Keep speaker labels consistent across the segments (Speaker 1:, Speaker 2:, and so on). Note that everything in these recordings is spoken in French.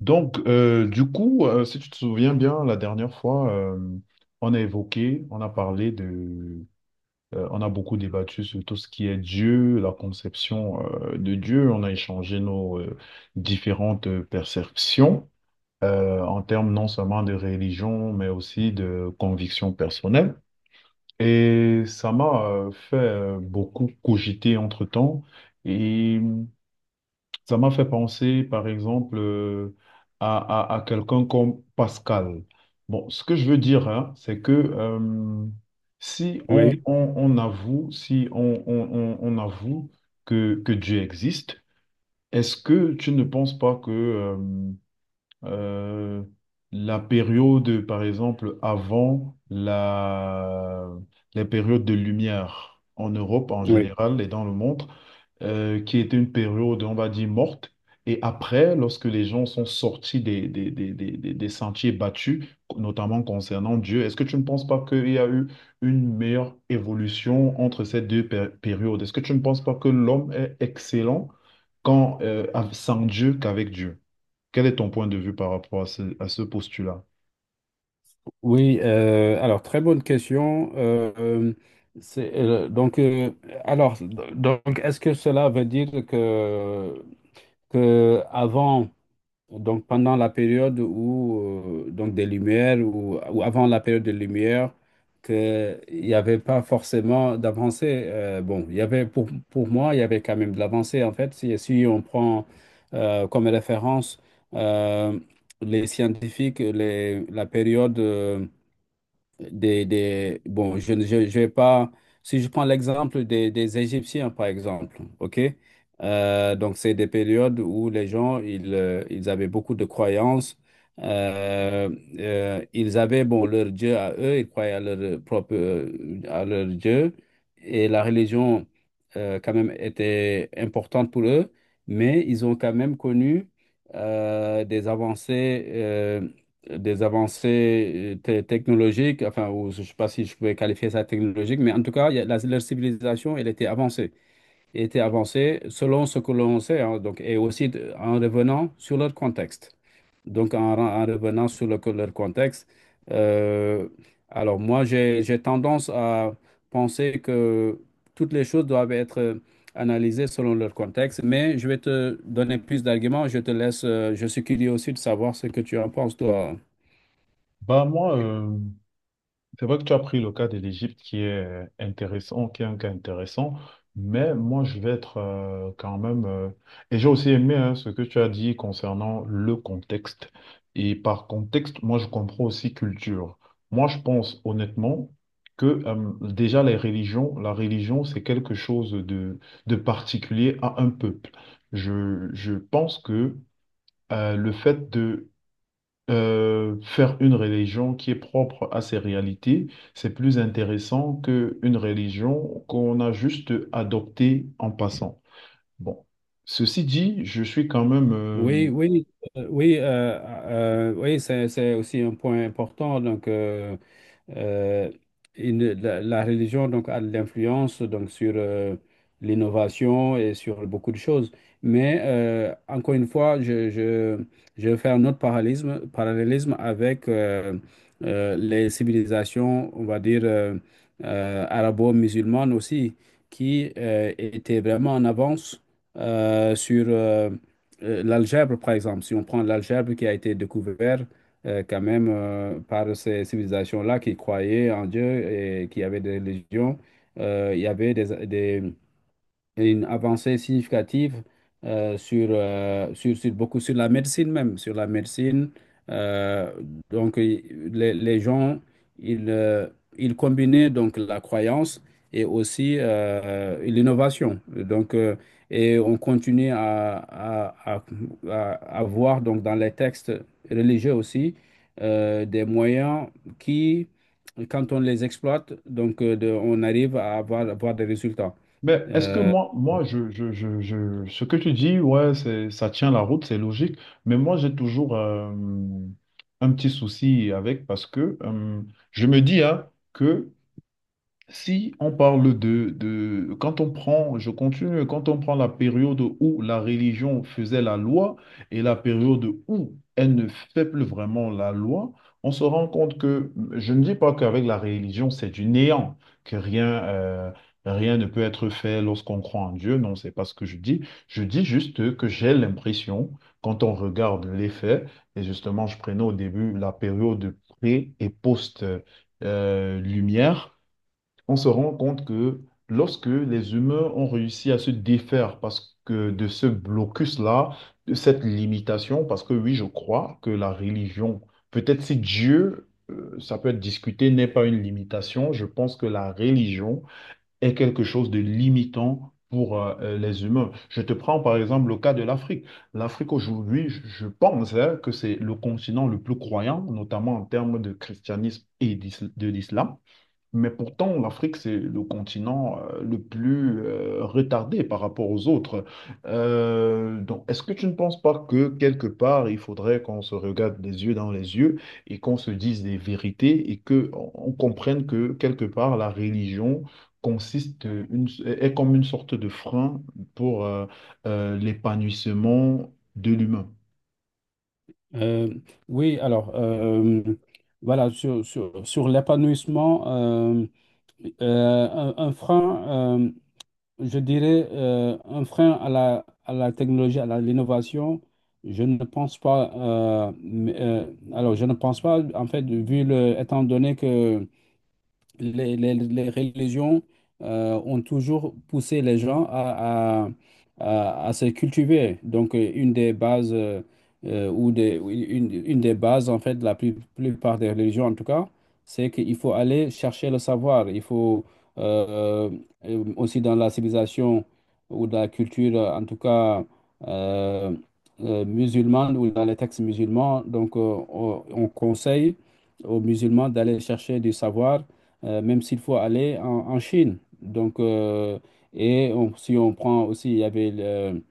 Speaker 1: Donc, si tu te souviens bien, la dernière fois, on a évoqué, on a parlé de, on a beaucoup débattu sur tout ce qui est Dieu, la conception, de Dieu. On a échangé nos, différentes perceptions, en termes non seulement de religion, mais aussi de conviction personnelle. Et ça m'a, fait, beaucoup cogiter entre-temps. Et ça m'a fait penser, par exemple, à quelqu'un comme Pascal. Bon, ce que je veux dire, hein, c'est que si on,
Speaker 2: Oui,
Speaker 1: on- on avoue, si on avoue que Dieu existe, est-ce que tu ne penses pas que euh, la période, par exemple, avant la, les périodes de lumière en Europe en
Speaker 2: oui,
Speaker 1: général et dans le monde, qui était une période, on va dire, morte. Et après, lorsque les gens sont sortis des sentiers battus, notamment concernant Dieu, est-ce que tu ne penses pas qu'il y a eu une meilleure évolution entre ces deux périodes? Est-ce que tu ne penses pas que l'homme est excellent quand, sans Dieu qu'avec Dieu? Quel est ton point de vue par rapport à ce postulat?
Speaker 2: oui. Alors, très bonne question. Donc, alors, d- donc, est-ce que cela veut dire que avant. Pendant la période où, donc des lumières, ou avant la période des lumières, que il n'y avait pas forcément d'avancée. Bon, il y avait pour moi, il y avait quand même de l'avancée en fait. Si on prend, comme référence, euh, les scientifiques, la période des. Bon, je vais pas. Si je prends l'exemple des Égyptiens, par exemple, OK? Donc, c'est des périodes où les gens, ils avaient beaucoup de croyances. Euh, Ils avaient, bon, leur Dieu à eux, ils croyaient à leur propre, à leur Dieu, et la religion, quand même, était importante pour eux, mais ils ont quand même connu des avancées. Des avancées technologiques, enfin, ou je ne sais pas si je pouvais qualifier ça de technologique, mais en tout cas, il y a- la- leur civilisation, elle était avancée. Elle était avancée selon ce que l'on sait, hein, donc, et aussi en revenant sur leur contexte. Donc, en revenant sur leur contexte, euh, alors moi, j'ai tendance à penser que toutes les choses doivent être, analysées selon leur contexte, mais je vais te donner plus d'arguments, je te laisse, je suis curieux aussi de savoir ce que tu en penses, toi.
Speaker 1: Bah moi, c'est vrai que tu as pris le cas de l'Égypte qui est intéressant, qui est un cas intéressant, mais moi je vais être euh, quand même... et j'ai aussi aimé hein, ce que tu as dit concernant le contexte. Et par contexte, moi je comprends aussi culture. Moi je pense honnêtement que déjà les religions, la religion c'est quelque chose de particulier à un peuple. Je pense que le fait de faire une religion qui est propre à ses réalités, c'est plus intéressant qu'une religion qu'on a juste adoptée en passant. Bon, ceci dit, je suis quand même...
Speaker 2: Oui, oui, oui, oui, c'est aussi un point important. Donc, euh, la religion donc, a de l'influence donc, sur l'innovation et sur beaucoup de choses. Mais encore une fois, je vais faire un autre parallélisme avec les civilisations, on va dire, arabo-musulmanes aussi, qui étaient vraiment en avance, sur, l'algèbre, par exemple. Si on prend l'algèbre qui a été découvert, quand même, par ces civilisations-là qui croyaient en Dieu et qui avaient des religions. Il y avait une avancée significative, sur beaucoup, sur la médecine même, sur la médecine. Euh, donc, les gens, ils, euh, ils combinaient donc la croyance et aussi, l'innovation. Et on continue à- à voir donc dans les textes religieux aussi, des moyens qui, quand on les exploite, on arrive à avoir des résultats.
Speaker 1: mais est-ce que
Speaker 2: Euh,
Speaker 1: moi, ce que tu dis, ouais, c'est, ça tient la route, c'est logique, mais moi, j'ai toujours un petit souci avec parce que je me dis hein, que... Si on parle quand on prend, je continue, quand on prend la période où la religion faisait la loi et la période où elle ne fait plus vraiment la loi, on se rend compte que, je ne dis pas qu'avec la religion c'est du néant, que rien, rien ne peut être fait lorsqu'on croit en Dieu, non, c'est pas ce que je dis. Je dis juste que j'ai l'impression, quand on regarde les faits, et justement je prenais au début la période pré et post, lumière, on se rend compte que lorsque les humains ont réussi à se défaire parce que de ce blocus-là, de cette limitation, parce que oui, je crois que la religion, peut-être si Dieu, ça peut être discuté, n'est pas une limitation, je pense que la religion est quelque chose de limitant, pour les humains. Je te prends par exemple le cas de l'Afrique. L'Afrique aujourd'hui, je pense hein, que c'est le continent le plus croyant, notamment en termes de christianisme de l'islam. Mais pourtant, l'Afrique, c'est le continent le plus retardé par rapport aux autres. Donc, est-ce que tu ne penses pas que quelque part, il faudrait qu'on se regarde les yeux dans les yeux et qu'on se dise des vérités et que on comprenne que quelque part, la religion est comme une sorte de frein pour l'épanouissement de l'humain?
Speaker 2: Euh, oui, alors, voilà, sur, sur l'épanouissement, euh, un frein, je dirais, un frein à la technologie, l'innovation, je ne pense pas, mais, je ne pense pas, en fait, étant donné que les religions ont toujours poussé les gens à, à se cultiver. Donc, une des bases, ou des, ou une des bases, en fait, de la plupart des religions, en tout cas, c'est qu'il faut aller chercher le savoir. Il faut, euh, aussi, dans la civilisation ou dans la culture, en tout cas, euh, musulmane, ou dans les textes musulmans, donc, on conseille aux musulmans d'aller chercher du savoir, même s'il faut aller en Chine. Donc, si on prend aussi, il y avait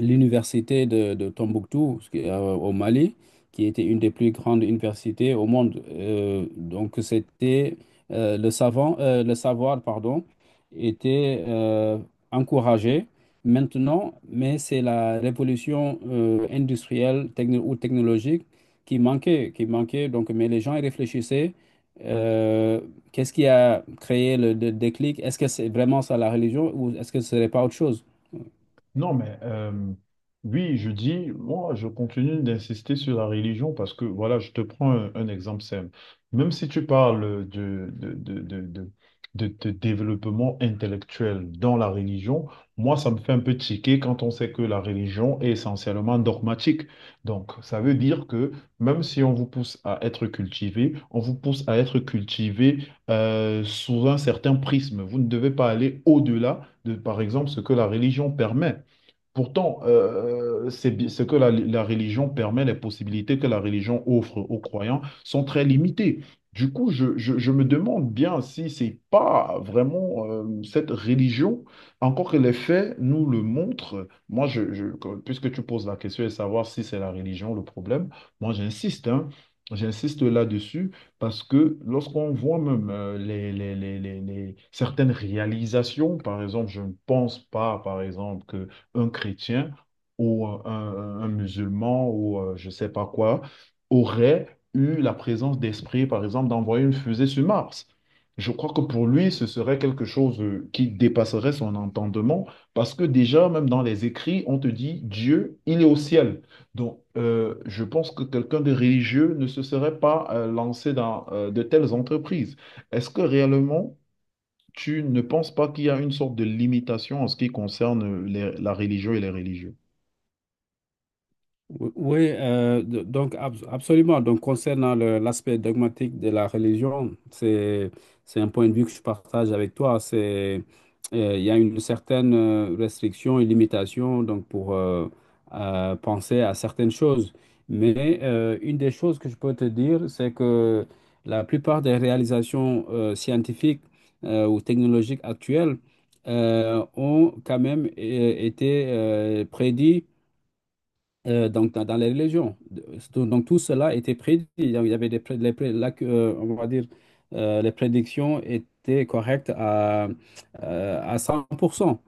Speaker 2: l'université de Tombouctou, ce qui est, au Mali, qui était une des plus grandes universités au monde. Donc, c'était, le savant, le savoir, pardon, était, encouragé. Maintenant, mais c'est la révolution industrielle, ou technologique qui manquait, qui manquait. Donc, mais les gens y réfléchissaient. euh, Qu'est-ce qui a créé le déclic? Est-ce que c'est vraiment ça la religion, ou est-ce que ce serait pas autre chose?
Speaker 1: Non, mais oui, je dis, moi, je continue d'insister sur la religion parce que, voilà, je te prends un exemple simple. Même si tu parles de développement intellectuel dans la religion, moi, ça me fait un peu tiquer quand on sait que la religion est essentiellement dogmatique. Donc, ça veut dire que même si on vous pousse à être cultivé, on vous pousse à être cultivé sous un certain prisme. Vous ne devez pas aller au-delà de, par exemple, ce que la religion permet. Pourtant, c'est ce que la religion permet, les possibilités que la religion offre aux croyants sont très limitées. Du coup, je me demande bien si c'est pas vraiment cette religion, encore que les faits nous le montrent. Moi, puisque tu poses la question de savoir si c'est la religion le problème, moi j'insiste, hein. J'insiste là-dessus parce que lorsqu'on voit même certaines réalisations, par exemple, je ne pense pas, par exemple, que un chrétien ou un musulman ou je ne sais pas quoi aurait eu la présence d'esprit, par exemple, d'envoyer une fusée sur Mars. Je crois que pour lui, ce serait quelque chose qui dépasserait son entendement parce que déjà, même dans les écrits, on te dit Dieu, il est au ciel. Donc, je pense que quelqu'un de religieux ne se serait pas lancé dans de telles entreprises. Est-ce que réellement tu ne penses pas qu'il y a une sorte de limitation en ce qui concerne la religion et les religieux?
Speaker 2: Oui, oui, donc, absolument. Donc concernant l'aspect dogmatique de la religion, c'est un point de vue que je partage avec toi. C'est Il y a une certaine, restriction et limitation, donc pour, penser à certaines choses. Mais une des choses que je peux te dire, c'est que la plupart des réalisations, scientifiques ou technologiques actuelles, ont quand même, été, prédits, donc dans les religions. Donc, tout cela était prédit. Donc, il y avait des, pré- les pré- la- on va dire, les prédictions étaient correctes à 100%.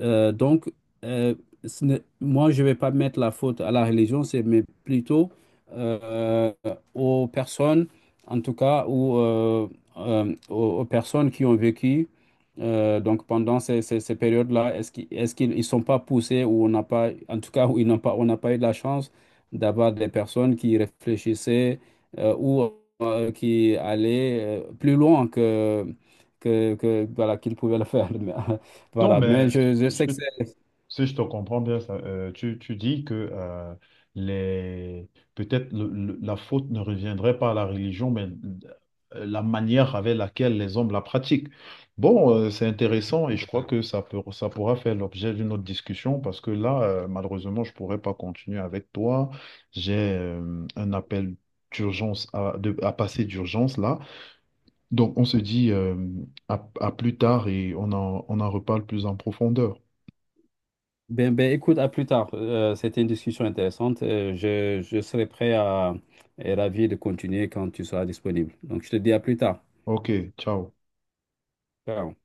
Speaker 2: Donc, euh, ce n'est- moi, je ne vais pas mettre la faute à la religion, c'est mais plutôt, euh, aux personnes, en tout cas, ou aux personnes qui ont vécu, donc pendant ces périodes-là. Est-ce qu'ils ils sont pas poussés, ou on n'a pas, en tout cas, où ils n'ont pas, on n'a pas eu de la chance d'avoir des personnes qui réfléchissaient, ou, qui allaient, plus loin que, que voilà, qu'ils pouvaient le faire.
Speaker 1: Donc,
Speaker 2: Voilà, mais
Speaker 1: ben,
Speaker 2: je sais
Speaker 1: je-
Speaker 2: que c'est...
Speaker 1: si je te comprends bien, ça, tu, tu dis que les, peut-être la faute ne reviendrait pas à la religion, mais la manière avec laquelle les hommes la pratiquent. Bon, c'est intéressant et je crois que ça peut, ça pourra faire l'objet d'une autre discussion parce que là, malheureusement, je ne pourrais pas continuer avec toi. J'ai un appel d'urgence à passer d'urgence là. Donc, on se dit à plus tard et on en reparle plus en profondeur.
Speaker 2: Ben, écoute, à plus tard. C'était une discussion intéressante. Je serai prêt à... et ravi de continuer quand tu seras disponible. Donc, je te dis à plus tard.
Speaker 1: Ok, ciao.
Speaker 2: Ciao.